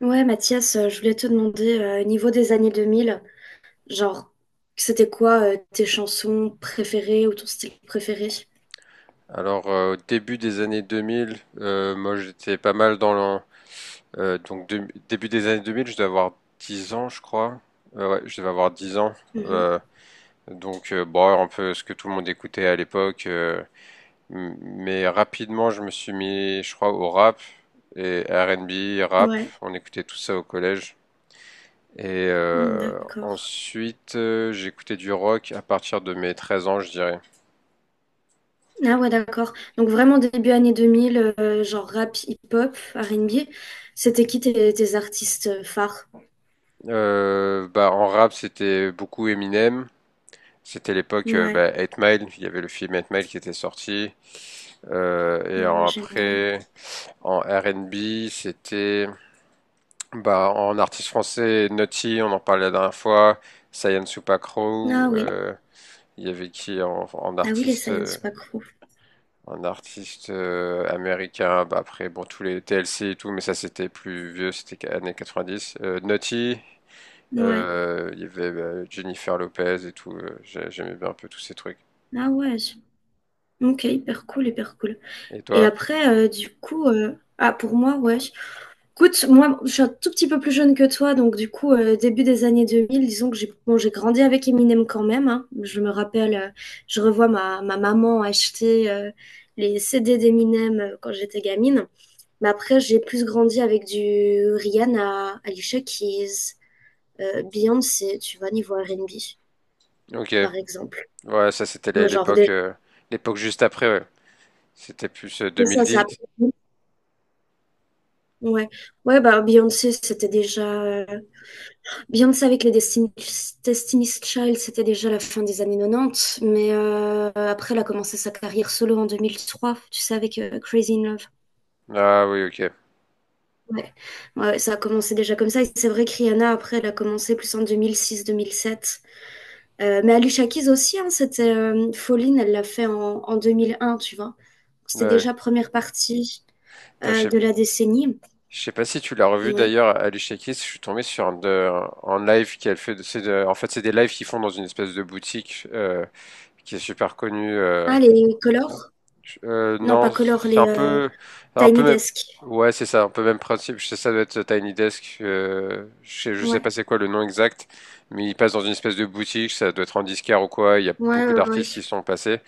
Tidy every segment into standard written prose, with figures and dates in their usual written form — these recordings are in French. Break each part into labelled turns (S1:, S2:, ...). S1: Ouais, Mathias, je voulais te demander, niveau des années 2000, genre, c'était quoi tes chansons préférées ou ton style préféré?
S2: Alors, au début des années 2000, moi j'étais pas mal dans le... début des années 2000, je devais avoir 10 ans, je crois. Ouais, je devais avoir 10 ans.
S1: Mhm.
S2: Euh, bon, un peu ce que tout le monde écoutait à l'époque. Mais rapidement, je me suis mis, je crois, au rap et R&B, rap.
S1: Ouais.
S2: On écoutait tout ça au collège. Et
S1: Mm, d'accord.
S2: ensuite, j'écoutais du rock à partir de mes 13 ans, je dirais.
S1: Ah ouais, d'accord. Donc vraiment début années 2000, genre rap, hip-hop, R&B, c'était qui tes artistes phares?
S2: Bah, en rap, c'était beaucoup Eminem. C'était l'époque
S1: Ouais,
S2: bah, 8 Mile, il y avait le film Eight Mile qui était sorti.
S1: ah ouais, génial.
S2: Après, en R&B, c'était bah, en artiste français, Naughty, on en parlait la dernière fois, Sayan Supakro,
S1: Ah oui,
S2: il y avait qui en
S1: ah oui, les
S2: artiste,
S1: Science
S2: euh,
S1: Pack.
S2: en artiste américain, bah, après bon, tous les TLC et tout, mais ça c'était plus vieux, années 90. Naughty,
S1: Ouais.
S2: il y avait bah, Jennifer Lopez et tout, j'aimais bien un peu tous ces trucs.
S1: Ah ouais, ok, hyper cool, hyper cool.
S2: Et
S1: Et
S2: toi?
S1: après, du coup, ah pour moi, ouais. Écoute, moi, je suis un tout petit peu plus jeune que toi, donc du coup, début des années 2000, disons que j'ai grandi avec Eminem quand même, hein. Je me rappelle, je revois ma maman acheter les CD d'Eminem quand j'étais gamine. Mais après, j'ai plus grandi avec du Rihanna, Alicia Keys, Beyoncé, tu vois, niveau R&B,
S2: Ok.
S1: par exemple.
S2: Ouais, ça c'était
S1: Genre,
S2: l'époque
S1: déjà,
S2: l'époque juste après, ouais. C'était plus
S1: c'est ça, ça.
S2: 2010.
S1: Ouais, ouais, bah Beyoncé, c'était déjà Beyoncé avec les Destiny's Child, c'était déjà la fin des années 90, mais après, elle a commencé sa carrière solo en 2003, tu sais, avec Crazy in Love.
S2: Ah oui, ok.
S1: Ouais. Ouais, ça a commencé déjà comme ça. Et c'est vrai que Rihanna, après, elle a commencé plus en 2006-2007. Mais Alicia Keys aussi, hein, c'était Falling, elle l'a fait en 2001, tu vois. C'était
S2: Ouais.
S1: déjà première partie
S2: Putain, Je sais
S1: de la décennie.
S2: je sais pas si tu l'as revu
S1: Ouais.
S2: d'ailleurs, Alicia Keys, je suis tombé sur un live qu'elle fait. En fait, c'est des lives qu'ils font dans une espèce de boutique qui est super connue.
S1: Ah, les Colors? Non, pas
S2: Non,
S1: Colors,
S2: c'est
S1: les... euh,
S2: un peu
S1: Tiny
S2: même.
S1: Desk.
S2: Ouais, c'est ça, un peu même principe. Je sais, ça doit être Tiny Desk. Je sais
S1: Ouais.
S2: pas c'est quoi le nom exact, mais il passe dans une espèce de boutique. Ça doit être en disquaire ou quoi. Il y a
S1: Ouais,
S2: beaucoup
S1: ouais, ouais.
S2: d'artistes qui sont passés.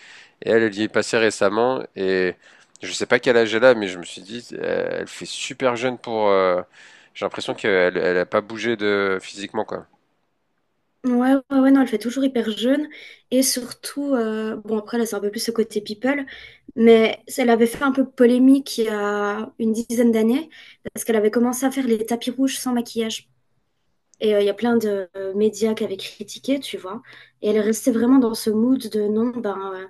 S2: Et elle, elle y est passée récemment. Et je sais pas quel âge elle a, mais je me suis dit, elle fait super jeune pour. J'ai l'impression qu'elle, elle a pas bougé de physiquement quoi.
S1: Ouais, ouais, ouais, non, elle fait toujours hyper jeune. Et surtout, bon, après, là, c'est un peu plus ce côté people, mais elle avait fait un peu polémique il y a une dizaine d'années, parce qu'elle avait commencé à faire les tapis rouges sans maquillage. Et il y a plein de médias qui avaient critiqué, tu vois. Et elle restait vraiment dans ce mood de non, ben, euh,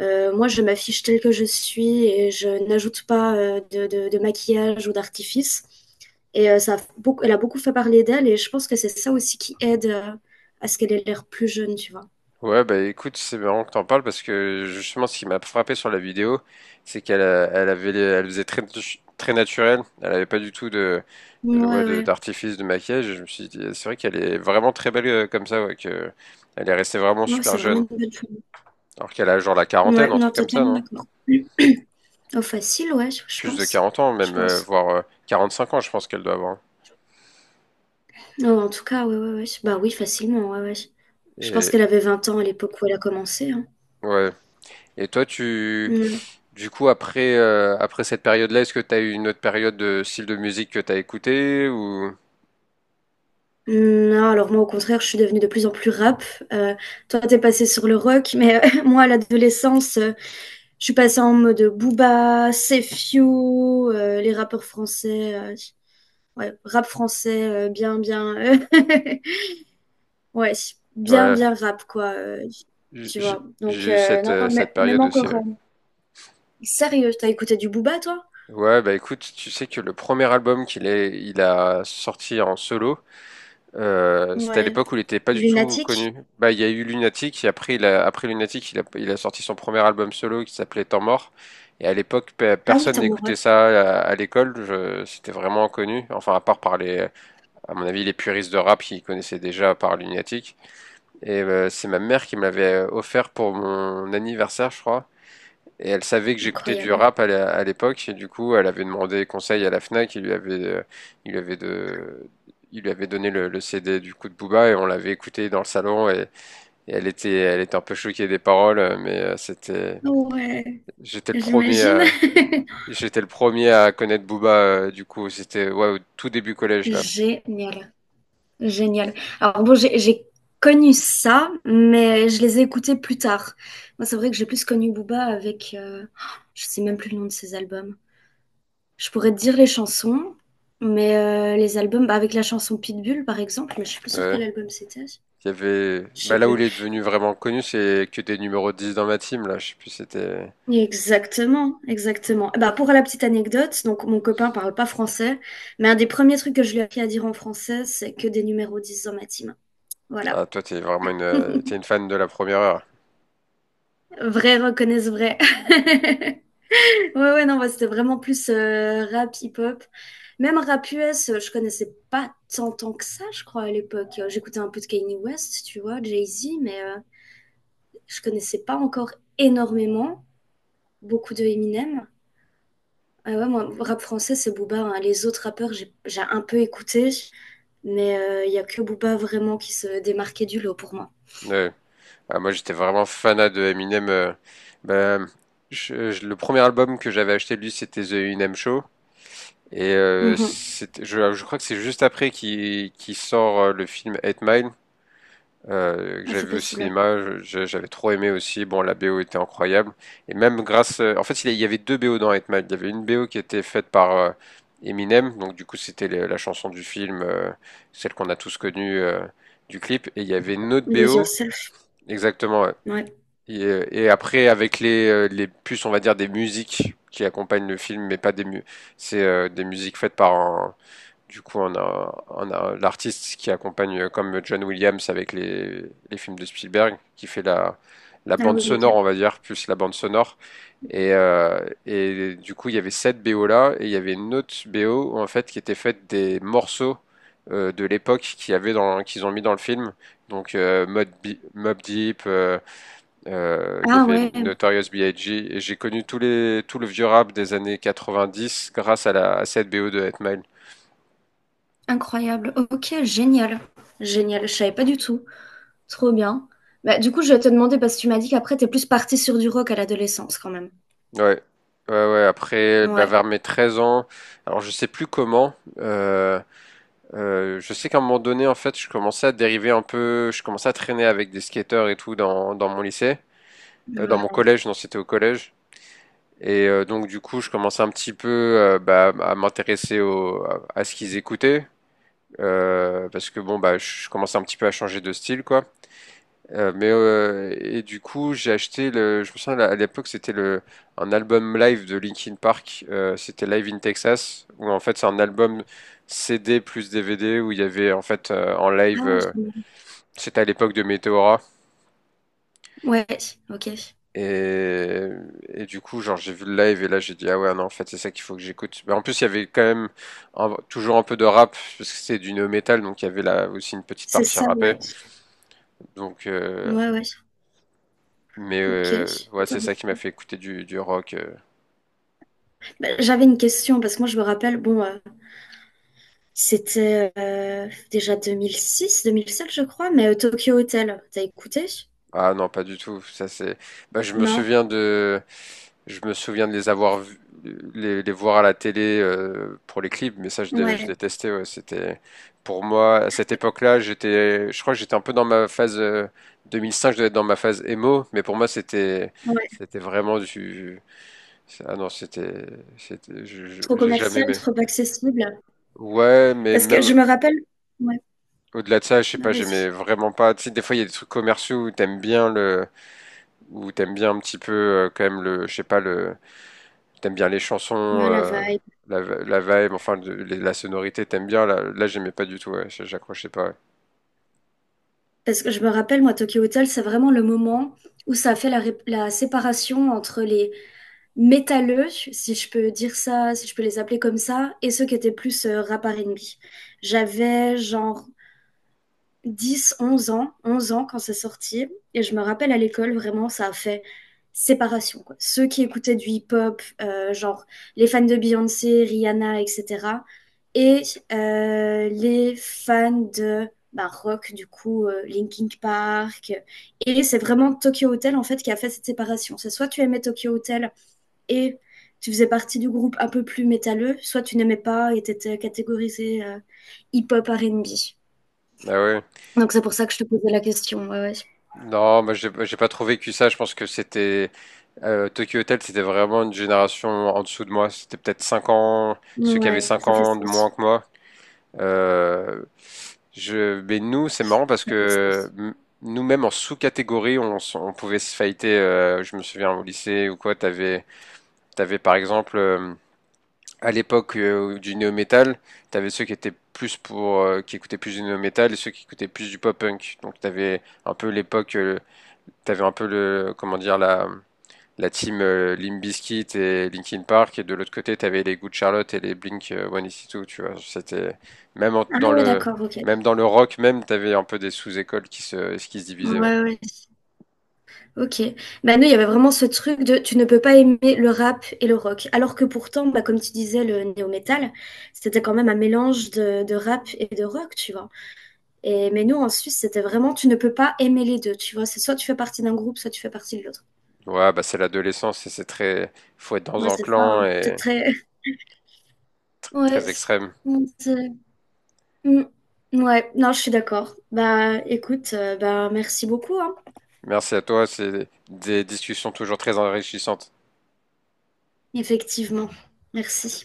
S1: Euh, moi, je m'affiche telle que je suis et je n'ajoute pas de maquillage ou d'artifice. Et elle a beaucoup fait parler d'elle et je pense que c'est ça aussi qui aide à ce qu'elle ait l'air plus jeune, tu vois.
S2: Ouais, bah écoute, c'est marrant que t'en parles parce que justement, ce qui m'a frappé sur la vidéo, c'est elle avait, elle faisait très, très naturel. Elle avait pas du tout de, ouais,
S1: Ouais, ouais.
S2: d'artifice de maquillage. Et je me suis dit, c'est vrai qu'elle est vraiment très belle comme ça, ouais, que elle est restée vraiment
S1: Ouais,
S2: super
S1: c'est vraiment
S2: jeune.
S1: une bonne chose.
S2: Alors qu'elle a genre la quarantaine,
S1: Ouais,
S2: un
S1: non,
S2: truc comme ça,
S1: totalement
S2: non?
S1: d'accord. Oh, facile, ouais, je
S2: Plus de
S1: pense.
S2: 40 ans,
S1: Je
S2: même,
S1: pense.
S2: voire 5 ans, je pense qu'elle doit avoir. Hein.
S1: Non, en tout cas, ouais, ouais, ouais. Bah oui, facilement, ouais, ouais. Je pense
S2: Et
S1: qu'elle avait 20 ans à l'époque où elle a commencé, hein.
S2: ouais. Et toi,
S1: Ouais.
S2: du coup, après, après cette période-là, est-ce que t'as eu une autre période de style de musique que t'as écouté ou?
S1: Non, alors moi au contraire, je suis devenue de plus en plus rap. Euh, toi, t'es passé sur le rock, mais moi à l'adolescence, je suis passée en mode Booba, Sefio, les rappeurs français, ouais, rap français, bien, bien, ouais, bien,
S2: Ouais,
S1: bien rap quoi,
S2: j-
S1: tu
S2: j-
S1: vois. Donc
S2: j'ai eu cette,
S1: non, non,
S2: cette
S1: même
S2: période aussi.
S1: encore,
S2: Ouais.
S1: sérieux, t'as écouté du Booba toi?
S2: Ouais, bah écoute, tu sais que le premier album qu'il est, il a sorti en solo, c'était à
S1: Ouais,
S2: l'époque où il était pas du tout
S1: Lunatique.
S2: connu. Bah, il y a eu Lunatic, et après, après Lunatic, il a sorti son premier album solo qui s'appelait Temps mort. Et à l'époque,
S1: Ah oui,
S2: personne
S1: t'es en
S2: n'écoutait
S1: mode
S2: ça à l'école, c'était vraiment inconnu. Enfin, à part par à mon avis, les puristes de rap qui connaissaient déjà par Lunatic. Et c'est ma mère qui me l'avait offert pour mon anniversaire, je crois. Et elle savait que j'écoutais du
S1: incroyable.
S2: rap à l'époque, et du coup, elle avait demandé conseil à la Fnac, il lui avait, de, il lui avait donné le CD du coup de Booba, et on l'avait écouté dans le salon, et elle était un peu choquée des paroles, mais c'était,
S1: Ouais,
S2: j'étais le premier
S1: j'imagine.
S2: à, j'étais le premier à connaître Booba, du coup, c'était, ouais, au tout début collège, là.
S1: Génial. Génial. Alors bon, j'ai connu ça, mais je les ai écoutés plus tard. Moi, c'est vrai que j'ai plus connu Booba avec, je sais même plus le nom de ses albums. Je pourrais te dire les chansons, mais les albums, bah, avec la chanson Pitbull, par exemple, mais je suis plus sûre quel
S2: Ouais.
S1: album c'était.
S2: Il y avait,
S1: Je sais
S2: bah là où
S1: plus.
S2: il est devenu vraiment connu, c'est que des numéros 10 dans ma team, là, je sais plus, si c'était,
S1: Exactement, exactement. Bah, pour la petite anecdote, donc mon copain parle pas français, mais un des premiers trucs que je lui ai appris à dire en français, c'est que des numéros 10 dans ma team. Voilà.
S2: ah, toi, t'es vraiment t'es une fan de la première heure.
S1: Vrai reconnaissent vrai. Ouais, ouais, non, ouais, c'était vraiment plus rap hip-hop. Même rap US, je connaissais pas tant, tant que ça, je crois, à l'époque. J'écoutais un peu de Kanye West, tu vois, Jay-Z, mais je connaissais pas encore énormément. Beaucoup de Eminem. Ah ouais, moi, rap français, c'est Booba, hein. Les autres rappeurs, j'ai un peu écouté, mais il y a que Booba vraiment qui se démarquait du lot pour moi.
S2: Ouais. Ah, moi, j'étais vraiment fanat de Eminem. Bah, le premier album que j'avais acheté de lui, c'était The Eminem Show. Et
S1: Mhm.
S2: je crois que c'est juste après qu'il sort le film Eight Mile, que
S1: Ah,
S2: j'avais
S1: c'est
S2: vu au
S1: possible, ouais.
S2: cinéma. J'avais trop aimé aussi. Bon, la BO était incroyable. Et même grâce... En fait, il y avait deux BO dans Eight Mile. Il y avait une BO qui était faite par Eminem. Donc, du coup, c'était la chanson du film, celle qu'on a tous connue du clip. Et il y avait une autre
S1: Lose
S2: BO...
S1: Yourself,
S2: Exactement,
S1: ouais.
S2: et après, avec les puces, on va dire des musiques qui accompagnent le film, mais pas des mu c'est des musiques faites par un. Du coup, on a l'artiste qui accompagne, comme John Williams avec les films de Spielberg, qui fait la, la
S1: Ah
S2: bande
S1: oui,
S2: sonore,
S1: ok.
S2: on va dire, plus la bande sonore. Et, euh, et du coup, il y avait cette BO là, et il y avait une autre BO en fait qui était faite des morceaux de l'époque qu'il y avait dans, qu'ils ont mis dans le film. Donc, Mob Deep. Il y
S1: Ah
S2: avait
S1: ouais,
S2: Notorious B.I.G. et j'ai connu tous tout le vieux rap des années 90 grâce à cette BO de Hit Mile.
S1: incroyable. Ok, génial. Génial, je savais pas du tout. Trop bien. Bah, du coup, je vais te demander, parce que tu m'as dit qu'après, t'es plus partie sur du rock à l'adolescence quand même.
S2: Ouais, ouais, ouais. Après, bah,
S1: Ouais.
S2: vers mes 13 ans, alors je sais plus comment. Je sais qu'à un moment donné, en fait, je commençais à dériver un peu. Je commençais à traîner avec des skateurs et tout dans, dans mon lycée, dans mon
S1: Ouais.
S2: collège. Non, c'était au collège. Et donc, du coup, je commençais un petit peu bah, à m'intéresser à ce qu'ils écoutaient. Parce que bon, bah, je commençais un petit peu à changer de style, quoi. Et du coup, j'ai acheté le. Je me souviens à l'époque, c'était le un album live de Linkin Park. C'était Live in Texas, où en fait c'est un album CD plus DVD où il y avait en fait en
S1: Ah,
S2: live.
S1: génial.
S2: C'était à l'époque de Meteora.
S1: Ouais, ok.
S2: Et, et du coup, genre j'ai vu le live et là j'ai dit ah ouais non en fait c'est ça qu'il faut que j'écoute. Mais en plus il y avait quand même toujours un peu de rap parce que c'est du no metal donc il y avait là aussi une petite
S1: C'est
S2: partie
S1: ça,
S2: rappée.
S1: ouais.
S2: Donc euh,
S1: Ouais, ouais. Ok.
S2: ouais c'est ça qui m'a
S1: Intéressant.
S2: fait écouter du rock.
S1: Bah, j'avais une question, parce que moi, je me rappelle, bon, c'était déjà 2006, 2007, je crois, mais Tokyo Hotel, t'as écouté?
S2: Ah non, pas du tout. Ça c'est. Bah,
S1: Non?
S2: je me souviens de les avoir, les voir à la télé pour les clips, mais ça je
S1: Ouais.
S2: détestais. Ouais. C'était pour moi à cette époque-là, j'étais, je crois que j'étais un peu dans ma phase 2005. Je devais être dans ma phase emo, mais pour moi c'était,
S1: Ouais.
S2: c'était vraiment du. Ah non, c'était, c'était,
S1: Trop
S2: j'ai jamais
S1: commercial,
S2: aimé.
S1: trop accessible.
S2: Ouais, mais
S1: Parce que je
S2: même
S1: me rappelle. Ouais.
S2: au-delà de ça, je sais
S1: Ah,
S2: pas, j'aimais
S1: vas-y.
S2: vraiment pas. Tu sais, des fois il y a des trucs commerciaux où t'aimes bien le ou t'aimes bien un petit peu quand même le, je sais pas le, t'aimes bien les chansons,
S1: Ah, la vibe.
S2: la, la vibe, la sonorité, t'aimes bien. Là, là j'aimais pas du tout, ouais, j'accrochais pas. Ouais.
S1: Parce que je me rappelle, moi, Tokyo Hotel, c'est vraiment le moment où ça a fait la séparation entre les métalleux, si je peux dire ça, si je peux les appeler comme ça, et ceux qui étaient plus rap R&B. J'avais genre 11 ans quand c'est sorti. Et je me rappelle à l'école, vraiment, ça a fait séparation, quoi. Ceux qui écoutaient du hip-hop, genre les fans de Beyoncé, Rihanna, etc. Et les fans de bah, rock, du coup, Linkin Park. Et c'est vraiment Tokyo Hotel, en fait, qui a fait cette séparation. C'est soit tu aimais Tokyo Hotel et tu faisais partie du groupe un peu plus métalleux, soit tu n'aimais pas et t'étais catégorisé hip-hop R&B.
S2: Ah ouais.
S1: Donc c'est pour ça que je te posais la question, ouais, ouais.
S2: Non, moi j'ai pas trop vécu ça. Je pense que c'était Tokyo Hotel, c'était vraiment une génération en dessous de moi. C'était peut-être 5 ans, ceux qui
S1: Ouais,
S2: avaient 5
S1: ça fait
S2: ans de moins
S1: sens.
S2: que moi. Euh, mais nous, c'est marrant parce
S1: Ça fait
S2: que
S1: sens.
S2: nous-mêmes en sous-catégorie, on pouvait se fighter. Je me souviens au lycée ou quoi, T'avais par exemple, à l'époque du néo-metal, t'avais ceux qui étaient plus qui écoutaient plus du néo-metal et ceux qui écoutaient plus du pop-punk. Donc t'avais un peu l'époque, t'avais un peu le, comment dire, la team Limp Bizkit et Linkin Park et de l'autre côté t'avais les Good Charlotte et les Blink 182. Tu vois, c'était dans
S1: Ah ouais,
S2: le,
S1: d'accord, ok.
S2: même dans le rock même, t'avais un peu des sous-écoles qui se divisaient. Ouais,
S1: Ouais, ouais. Ok. Bah nous, il y avait vraiment ce truc de tu ne peux pas aimer le rap et le rock. Alors que pourtant, bah, comme tu disais, le néo-metal, c'était quand même un mélange de rap et de rock, tu vois. Mais nous, en Suisse, c'était vraiment tu ne peux pas aimer les deux, tu vois. C'est soit tu fais partie d'un groupe, soit tu fais partie de l'autre.
S2: ouais, bah c'est l'adolescence et c'est très, faut être dans
S1: Ouais,
S2: un
S1: c'est ça,
S2: clan
S1: hein. C'est
S2: et
S1: très. Ouais.
S2: très extrême.
S1: c'est- Mm. Ouais, non, je suis d'accord. Bah écoute, bah merci beaucoup, hein.
S2: Merci à toi, c'est des discussions toujours très enrichissantes.
S1: Effectivement. Merci.